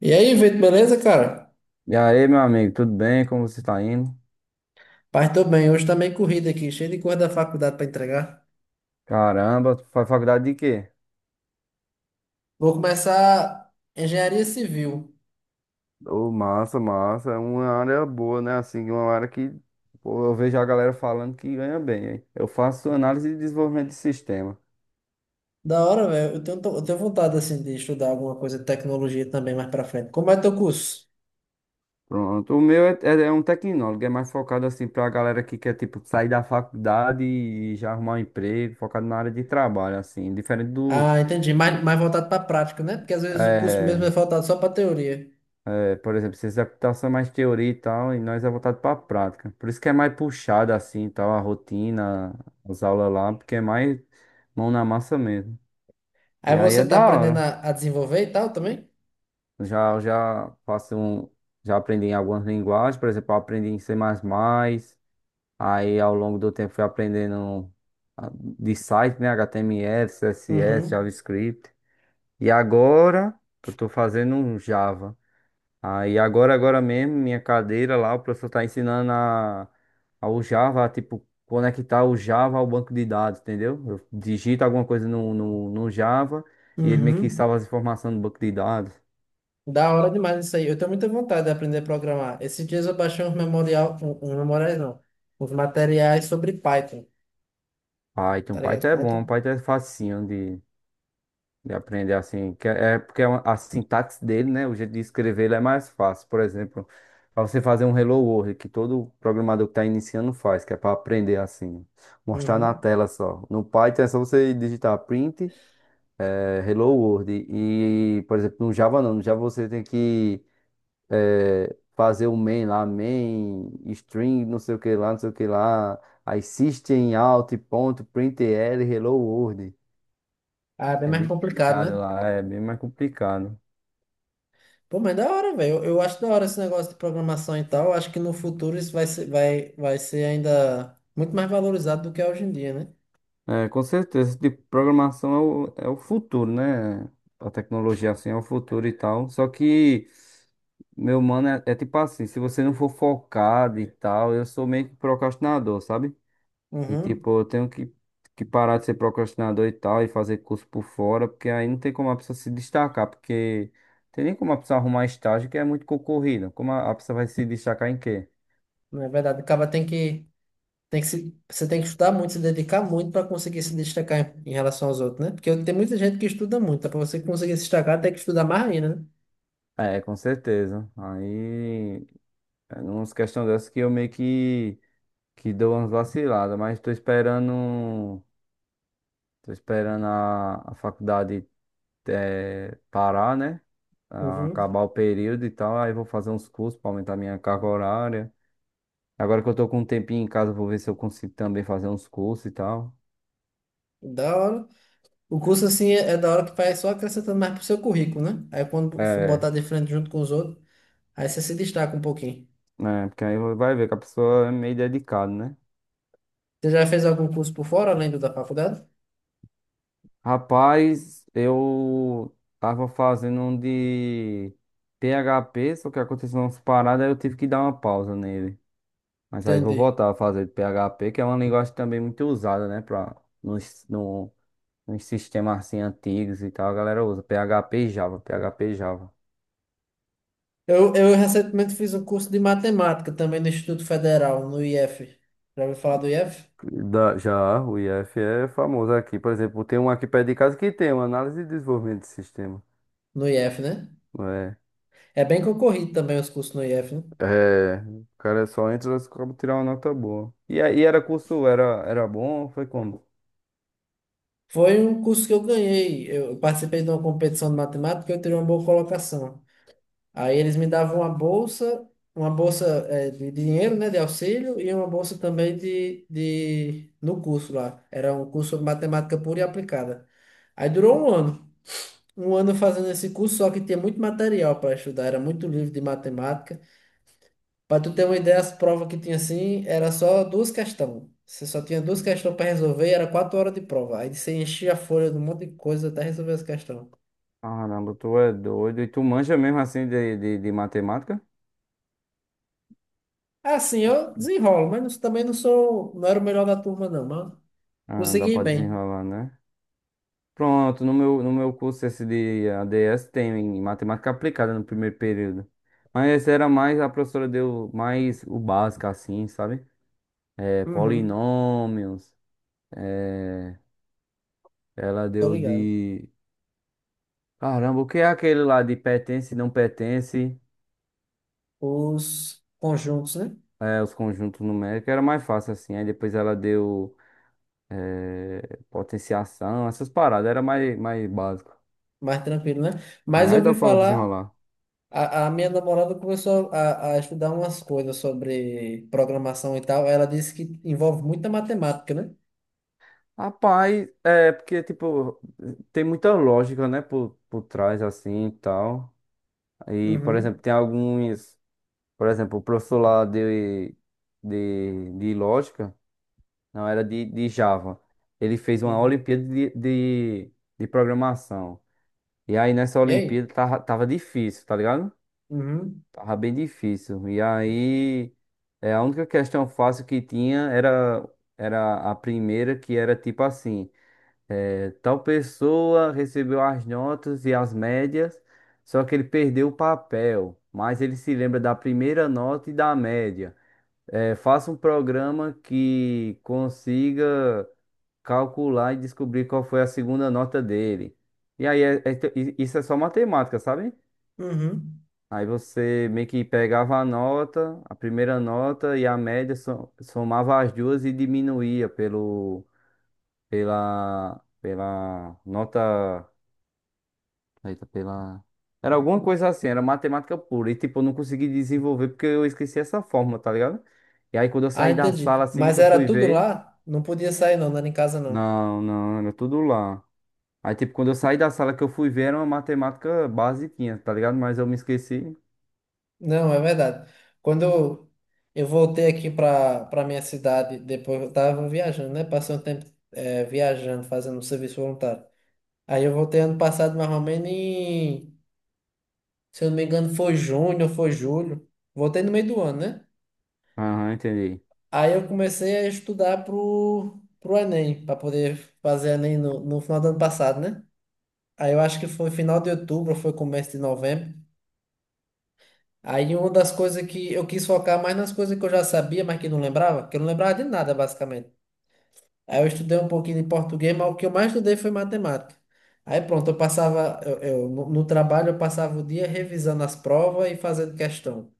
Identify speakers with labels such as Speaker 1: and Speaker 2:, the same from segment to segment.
Speaker 1: E aí, Vitor, beleza, cara?
Speaker 2: E aí, meu amigo, tudo bem? Como você está indo?
Speaker 1: Pai, tô bem. Hoje tá meio corrido aqui, cheio de coisa da faculdade pra entregar.
Speaker 2: Caramba, tu faz faculdade de quê?
Speaker 1: Vou começar engenharia civil.
Speaker 2: Ô, massa, massa. É uma área boa, né? Assim, uma área que. Pô, eu vejo a galera falando que ganha bem, hein? Eu faço análise de desenvolvimento de sistema.
Speaker 1: Da hora, velho. Eu tenho vontade, assim, de estudar alguma coisa de tecnologia também mais pra frente. Como é teu curso?
Speaker 2: Pronto. O meu é um tecnólogo, é mais focado assim pra galera que quer, tipo, sair da faculdade e já arrumar um emprego, focado na área de trabalho, assim. Diferente do,
Speaker 1: Ah, entendi. Mais voltado pra prática, né? Porque às vezes o curso mesmo é
Speaker 2: é,
Speaker 1: voltado só pra teoria.
Speaker 2: Por exemplo, ciência da computação é mais teoria e tal, e nós é voltado para a prática. Por isso que é mais puxado assim, e tal, a rotina, as aulas lá, porque é mais mão na massa mesmo.
Speaker 1: Aí
Speaker 2: E aí é
Speaker 1: você tá
Speaker 2: da
Speaker 1: aprendendo
Speaker 2: hora.
Speaker 1: a desenvolver e tal também?
Speaker 2: Já já faço um, já aprendi em algumas linguagens, por exemplo, eu aprendi em C++, aí ao longo do tempo fui aprendendo de site, né, HTML, CSS,
Speaker 1: Uhum.
Speaker 2: JavaScript. E agora eu tô fazendo um Java. Aí agora, agora mesmo, minha cadeira lá, o professor tá ensinando ao Java, a, tipo, conectar o Java ao banco de dados, entendeu? Eu digito alguma coisa no Java e ele meio que
Speaker 1: Uhum.
Speaker 2: salva as informações no banco de dados.
Speaker 1: Da hora demais isso aí. Eu tenho muita vontade de aprender a programar. Esses dias eu baixei uns memorial, um memoriais não, uns materiais sobre Python.
Speaker 2: Python,
Speaker 1: Tá ligado?
Speaker 2: Python é bom,
Speaker 1: Python?
Speaker 2: Python é facinho de aprender assim, que é porque é a sintaxe dele, né? O jeito de escrever ele é mais fácil. Por exemplo, para você fazer um Hello World, que todo programador que está iniciando faz, que é para aprender assim, mostrar na
Speaker 1: Uhum.
Speaker 2: tela só. No Python é só você digitar print, Hello World. E, por exemplo, no Java não, no Java você tem que fazer o main lá, main, string, não sei o que lá, não sei o que lá. Aí system out, ponto, printl, Hello World.
Speaker 1: Ah, é bem
Speaker 2: É
Speaker 1: mais
Speaker 2: bem
Speaker 1: complicado,
Speaker 2: complicado
Speaker 1: né?
Speaker 2: lá, é bem mais complicado.
Speaker 1: Pô, mas da hora, velho. Eu acho da hora esse negócio de programação e tal. Eu acho que no futuro isso vai ser, vai ser ainda muito mais valorizado do que é hoje em dia, né?
Speaker 2: É, com certeza, esse tipo de programação é o futuro, né? A tecnologia assim é o futuro e tal. Só que, meu mano, é tipo assim, se você não for focado e tal, eu sou meio que procrastinador, sabe? E
Speaker 1: Uhum.
Speaker 2: tipo, eu tenho que parar de ser procrastinador e tal, e fazer curso por fora, porque aí não tem como a pessoa se destacar, porque tem nem como a pessoa arrumar estágio que é muito concorrido. Como a pessoa vai se destacar em quê?
Speaker 1: Não é verdade. O cara tem que... Tem que se, você tem que estudar muito, se dedicar muito para conseguir se destacar em relação aos outros, né? Porque tem muita gente que estuda muito, tá? Para você conseguir se destacar, tem que estudar mais ainda, né?
Speaker 2: É, com certeza. Aí, é umas questões dessas que eu meio que deu umas vaciladas, mas tô esperando a faculdade parar, né? Ah,
Speaker 1: Uhum.
Speaker 2: acabar o período e tal, aí vou fazer uns cursos para aumentar minha carga horária. Agora que eu tô com um tempinho em casa, vou ver se eu consigo também fazer uns cursos e tal.
Speaker 1: Da hora. O curso, assim, é da hora que vai só acrescentando mais pro seu currículo, né? Aí quando for
Speaker 2: É,
Speaker 1: botar de frente junto com os outros, aí você se destaca um pouquinho.
Speaker 2: né? Porque aí vai ver que a pessoa é meio dedicada, né?
Speaker 1: Você já fez algum curso por fora, além do da faculdade?
Speaker 2: Rapaz, eu tava fazendo um de PHP, só que aconteceu umas paradas, aí eu tive que dar uma pausa nele. Mas aí vou
Speaker 1: Entendi.
Speaker 2: voltar a fazer de PHP, que é uma linguagem também muito usada, né? Pra, nos, no, nos sistemas assim antigos e tal, a galera usa PHP e Java, PHP e Java.
Speaker 1: Eu recentemente fiz um curso de matemática também no Instituto Federal, no IF. Já ouviu falar do IF?
Speaker 2: Já o IF é famoso aqui. Por exemplo, tem um aqui perto de casa que tem uma análise de desenvolvimento de sistema.
Speaker 1: No IF, né?
Speaker 2: Não é?
Speaker 1: É bem concorrido também os cursos no IF, né?
Speaker 2: É, o cara só entra e acaba tirar uma nota boa. E aí era curso, era bom, foi como?
Speaker 1: Foi um curso que eu ganhei. Eu participei de uma competição de matemática e eu tirei uma boa colocação. Aí eles me davam uma bolsa de dinheiro, né, de auxílio, e uma bolsa também de no curso lá. Era um curso de matemática pura e aplicada. Aí durou um ano. Um ano fazendo esse curso, só que tinha muito material para estudar, era muito livro de matemática. Para tu ter uma ideia, as provas que tinha assim, era só duas questões. Você só tinha duas questões para resolver e era 4 horas de prova. Aí você enchia a folha de um monte de coisa até resolver as questões.
Speaker 2: Caramba, tu é doido. E tu manja mesmo assim de matemática?
Speaker 1: Assim, eu desenrolo, mas não, também não sou, não era o melhor da turma, não, mas
Speaker 2: Ah, dá
Speaker 1: consegui ir
Speaker 2: pra
Speaker 1: bem.
Speaker 2: desenrolar, né? Pronto, no meu curso esse de ADS tem em matemática aplicada no primeiro período. Mas esse era mais, a professora deu mais o básico assim, sabe? É,
Speaker 1: Uhum,
Speaker 2: polinômios, é, ela
Speaker 1: tô
Speaker 2: deu
Speaker 1: ligado.
Speaker 2: de... Caramba, o que é aquele lá de pertence e não pertence?
Speaker 1: Os conjuntos, né?
Speaker 2: É, os conjuntos numéricos era mais fácil assim. Aí depois ela deu potenciação, essas paradas, era mais básico.
Speaker 1: Mais tranquilo, né?
Speaker 2: Aí
Speaker 1: Mas eu
Speaker 2: aí dá
Speaker 1: ouvi
Speaker 2: pra
Speaker 1: falar.
Speaker 2: desenrolar.
Speaker 1: A minha namorada começou a estudar umas coisas sobre programação e tal. Ela disse que envolve muita matemática, né?
Speaker 2: Rapaz, é porque, tipo, tem muita lógica, né, por trás, assim, e tal. E, por exemplo,
Speaker 1: Uhum,
Speaker 2: tem alguns, por exemplo, o professor lá de lógica, não, era de Java. Ele fez uma
Speaker 1: uhum.
Speaker 2: Olimpíada de programação. E aí, nessa
Speaker 1: E aí?
Speaker 2: Olimpíada, tava difícil, tá ligado?
Speaker 1: Uhum,
Speaker 2: Tava bem difícil. E aí, a única questão fácil que tinha era, era a primeira, que era, tipo assim... É, tal pessoa recebeu as notas e as médias, só que ele perdeu o papel, mas ele se lembra da primeira nota e da média. É, faça um programa que consiga calcular e descobrir qual foi a segunda nota dele. E aí, isso é só matemática, sabe?
Speaker 1: uhum.
Speaker 2: Aí você meio que pegava a nota, a primeira nota e a média, somava as duas e diminuía pela nota. Eita, pela. Era alguma coisa assim, era matemática pura. E tipo, eu não consegui desenvolver porque eu esqueci essa fórmula, tá ligado? E aí quando eu
Speaker 1: Ah,
Speaker 2: saí da sala
Speaker 1: entendi.
Speaker 2: assim
Speaker 1: Mas
Speaker 2: que eu
Speaker 1: era
Speaker 2: fui
Speaker 1: tudo
Speaker 2: ver.
Speaker 1: lá? Não podia sair, não, não era em casa, não.
Speaker 2: Não, não, era tudo lá. Aí tipo, quando eu saí da sala que eu fui ver, era uma matemática basiquinha, tá ligado? Mas eu me esqueci.
Speaker 1: Não, é verdade. Quando eu voltei aqui para minha cidade, depois eu estava viajando, né? Passei um tempo viajando, fazendo um serviço voluntário. Aí eu voltei ano passado, mais ou menos em, se eu não me engano, foi junho ou foi julho. Voltei no meio do ano, né?
Speaker 2: Aham, entendi.
Speaker 1: Aí eu comecei a estudar pro Enem, para poder fazer Enem no final do ano passado, né? Aí eu acho que foi final de outubro, ou foi começo de novembro. Aí uma das coisas que eu quis focar mais nas coisas que eu já sabia, mas que não lembrava, que eu não lembrava de nada, basicamente. Aí eu estudei um pouquinho de português, mas o que eu mais estudei foi matemática. Aí pronto, eu passava, no trabalho eu passava o dia revisando as provas e fazendo questão.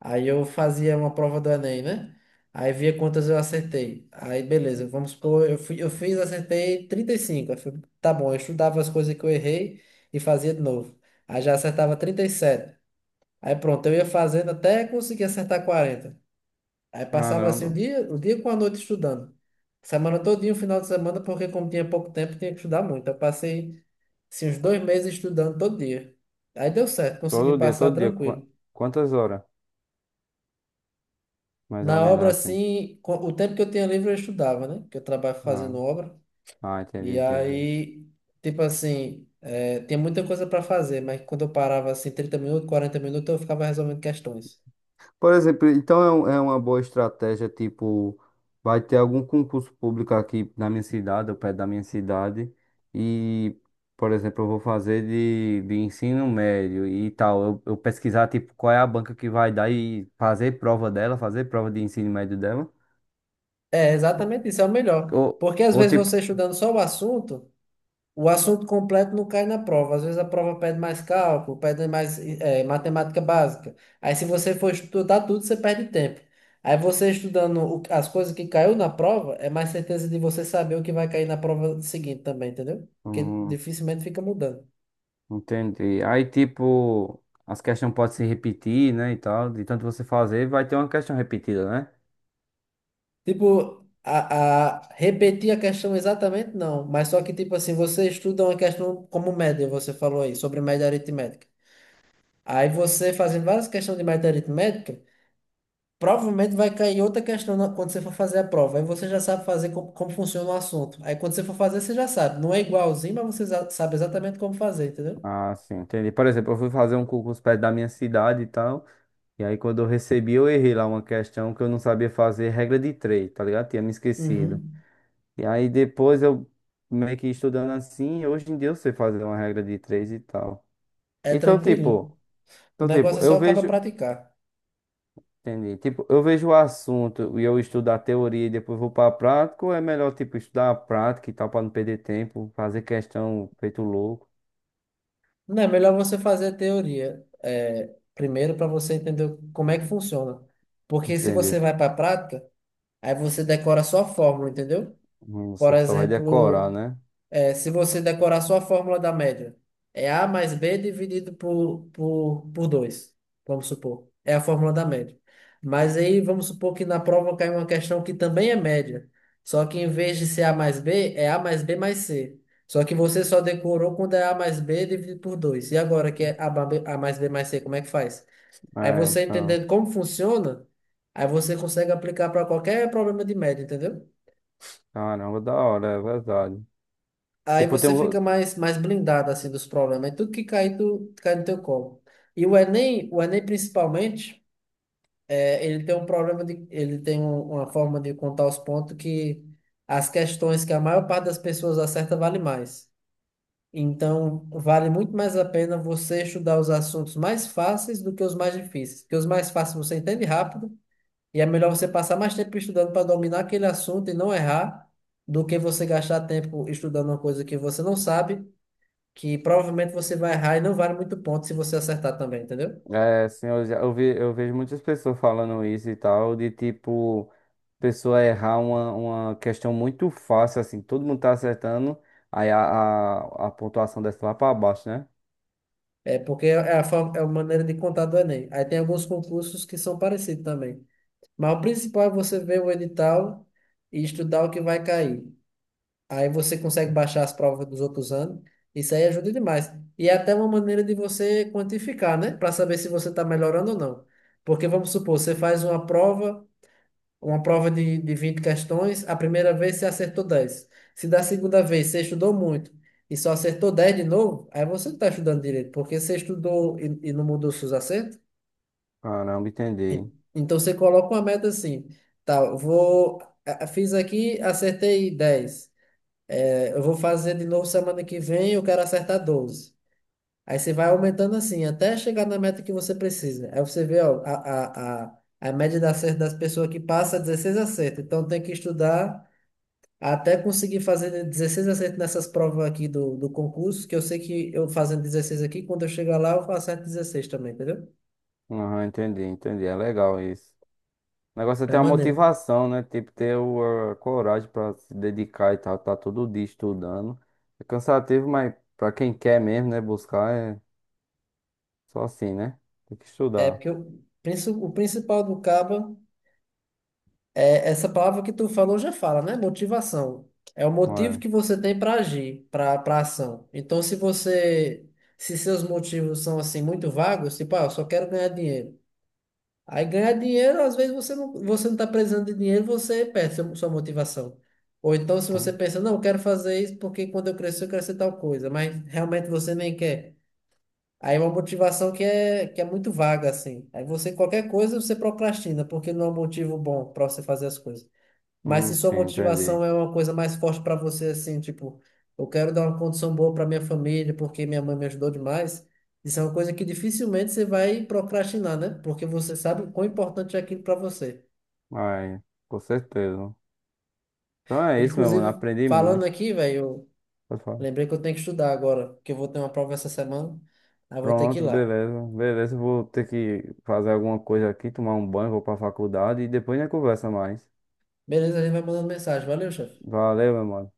Speaker 1: Aí eu fazia uma prova do Enem, né? Aí via quantas eu acertei. Aí beleza, vamos supor, eu fui, eu fiz, acertei 35. Aí fui, tá bom, eu estudava as coisas que eu errei e fazia de novo. Aí já acertava 37. Aí pronto, eu ia fazendo até conseguir acertar 40. Aí passava assim
Speaker 2: Caramba.
Speaker 1: o dia com a noite estudando. Semana todinha, o final de semana, porque como tinha pouco tempo, tinha que estudar muito. Eu passei assim, uns 2 meses estudando todo dia. Aí deu certo, consegui
Speaker 2: Todo dia,
Speaker 1: passar
Speaker 2: todo dia.
Speaker 1: tranquilo.
Speaker 2: Quantas horas? Mais ou
Speaker 1: Na
Speaker 2: menos
Speaker 1: obra,
Speaker 2: assim.
Speaker 1: assim, o tempo que eu tinha livre eu estudava, né? Que eu trabalho
Speaker 2: Ah,
Speaker 1: fazendo obra.
Speaker 2: ah, entendi,
Speaker 1: E
Speaker 2: entendi.
Speaker 1: aí, tipo assim, tinha muita coisa para fazer, mas quando eu parava assim 30 minutos, 40 minutos, eu ficava resolvendo questões.
Speaker 2: Por exemplo, então é uma boa estratégia, tipo, vai ter algum concurso público aqui na minha cidade, ou perto da minha cidade, e, por exemplo, eu vou fazer de ensino médio e tal. Eu pesquisar, tipo, qual é a banca que vai dar e fazer prova dela, fazer prova de ensino médio dela.
Speaker 1: É,
Speaker 2: Ou,
Speaker 1: exatamente isso, é o melhor.
Speaker 2: ou
Speaker 1: Porque às
Speaker 2: ou,
Speaker 1: vezes
Speaker 2: tipo,
Speaker 1: você estudando só o assunto. O assunto completo não cai na prova. Às vezes a prova pede mais cálculo, pede mais matemática básica. Aí se você for estudar tudo, você perde tempo. Aí você estudando as coisas que caiu na prova, é mais certeza de você saber o que vai cair na prova seguinte também, entendeu? Porque
Speaker 2: hum,
Speaker 1: dificilmente fica mudando.
Speaker 2: entendi. Aí, tipo, as questões podem se repetir, né, e tal. De tanto você fazer, vai ter uma questão repetida, né?
Speaker 1: Tipo, repetir a questão exatamente não, mas só que tipo assim, você estuda uma questão como média, você falou aí, sobre média aritmética. Aí você fazendo várias questões de média aritmética, provavelmente vai cair outra questão quando você for fazer a prova. Aí você já sabe fazer como funciona o assunto. Aí quando você for fazer, você já sabe. Não é igualzinho, mas você sabe exatamente como fazer, entendeu?
Speaker 2: Ah, sim, entendi. Por exemplo, eu fui fazer um concurso perto da minha cidade e tal. E aí, quando eu recebi, eu errei lá uma questão que eu não sabia fazer, regra de três, tá ligado? Tinha me esquecido.
Speaker 1: Uhum.
Speaker 2: E aí, depois eu meio que estudando assim, hoje em dia eu sei fazer uma regra de três e tal.
Speaker 1: É
Speaker 2: Então,
Speaker 1: tranquilinho.
Speaker 2: tipo,
Speaker 1: O
Speaker 2: então, tipo,
Speaker 1: negócio é só
Speaker 2: eu
Speaker 1: acaba
Speaker 2: vejo,
Speaker 1: praticar.
Speaker 2: entendi. Tipo, eu vejo o assunto e eu estudo a teoria e depois vou pra prática, ou é melhor, tipo, estudar a prática e tal, pra não perder tempo, fazer questão feito louco,
Speaker 1: Não é melhor você fazer a teoria primeiro para você entender como é que funciona. Porque se você
Speaker 2: entender?
Speaker 1: vai para a prática, aí você decora só a fórmula, entendeu? Por
Speaker 2: Você só vai decorar,
Speaker 1: exemplo,
Speaker 2: né?
Speaker 1: é, se você decorar só a fórmula da média, é A mais B dividido por dois, vamos supor. É a fórmula da média. Mas aí vamos supor que na prova cai uma questão que também é média. Só que em vez de ser A mais B, é A mais B mais C. Só que você só decorou quando é A mais B dividido por dois. E agora que é A, A mais B mais C, como é que faz? Aí
Speaker 2: É,
Speaker 1: você
Speaker 2: então,
Speaker 1: entendendo como funciona, aí você consegue aplicar para qualquer problema de média, entendeu?
Speaker 2: caramba, da hora, é verdade.
Speaker 1: Aí
Speaker 2: Tipo, tem
Speaker 1: você
Speaker 2: um,
Speaker 1: fica mais, mais blindado assim dos problemas. É tudo que cai, tu, cai no teu colo. E o Enem principalmente, ele tem um problema de, uma forma de contar os pontos, que as questões que a maior parte das pessoas acerta vale mais. Então, vale muito mais a pena você estudar os assuntos mais fáceis do que os mais difíceis, porque os mais fáceis você entende rápido, e é melhor você passar mais tempo estudando para dominar aquele assunto e não errar do que você gastar tempo estudando uma coisa que você não sabe, que provavelmente você vai errar e não vale muito ponto se você acertar também, entendeu?
Speaker 2: assim, eu, já, eu, ve, eu vejo muitas pessoas falando isso e tal, de tipo, pessoa errar uma questão muito fácil, assim, todo mundo tá acertando, aí a pontuação desce lá pra baixo, né?
Speaker 1: É porque é é a maneira de contar do Enem. Aí tem alguns concursos que são parecidos também. Mas o principal é você ver o edital e estudar o que vai cair. Aí você consegue baixar as provas dos outros anos. Isso aí ajuda demais. E é até uma maneira de você quantificar, né? Para saber se você está melhorando ou não. Porque vamos supor, você faz uma prova. Uma prova de 20 questões, a primeira vez você acertou 10. Se da segunda vez você estudou muito e só acertou 10 de novo, aí você não está estudando direito, porque você estudou e não mudou seus acertos.
Speaker 2: Caramba, entendi.
Speaker 1: Então você coloca uma meta assim, tá, eu vou, fiz aqui, acertei 10. É, eu vou fazer de novo semana que vem, eu quero acertar 12. Aí você vai aumentando assim, até chegar na meta que você precisa. Aí você vê, ó, a média de acerto das pessoas que passa é 16 acertos. Então tem que estudar até conseguir fazer 16 acertos nessas provas aqui do concurso, que eu sei que eu fazendo 16 aqui, quando eu chegar lá, eu faço 16 também, entendeu?
Speaker 2: Aham, entendi, entendi, é legal isso. O negócio é
Speaker 1: É
Speaker 2: ter a
Speaker 1: maneiro.
Speaker 2: motivação, né? Tipo, ter a coragem pra se dedicar e tal, tá todo dia estudando. É cansativo, mas pra quem quer mesmo, né, buscar, é. Só assim, né? Tem que
Speaker 1: É
Speaker 2: estudar.
Speaker 1: porque o principal do Caba é essa palavra que tu falou já fala, né? Motivação. É o motivo
Speaker 2: É.
Speaker 1: que você tem para agir, para ação. Então, se você, se seus motivos são assim muito vagos, tipo, ah, eu só quero ganhar dinheiro. Aí ganhar dinheiro, às vezes você não está precisando de dinheiro, você perde sua motivação. Ou então, se você
Speaker 2: Então,
Speaker 1: pensa, não, eu quero fazer isso porque quando eu crescer, eu quero ser tal coisa, mas realmente você nem quer. Aí é uma motivação que é muito vaga, assim. Aí você, qualquer coisa, você procrastina, porque não é um motivo bom para você fazer as coisas. Mas se sua
Speaker 2: sim, entendi.
Speaker 1: motivação é uma coisa mais forte para você, assim, tipo, eu quero dar uma condição boa para minha família porque minha mãe me ajudou demais, isso é uma coisa que dificilmente você vai procrastinar, né? Porque você sabe o quão importante é aquilo para você.
Speaker 2: Ai, com certeza. Então é isso, meu mano.
Speaker 1: Inclusive,
Speaker 2: Aprendi
Speaker 1: falando
Speaker 2: muito.
Speaker 1: aqui, velho, eu
Speaker 2: Pode falar.
Speaker 1: lembrei que eu tenho que estudar agora, porque eu vou ter uma prova essa semana, aí eu vou ter que ir
Speaker 2: Pronto,
Speaker 1: lá.
Speaker 2: beleza. Beleza, vou ter que fazer alguma coisa aqui, tomar um banho, vou pra faculdade e depois a gente conversa mais.
Speaker 1: Beleza, a gente vai mandando mensagem. Valeu, chefe.
Speaker 2: Valeu, meu mano.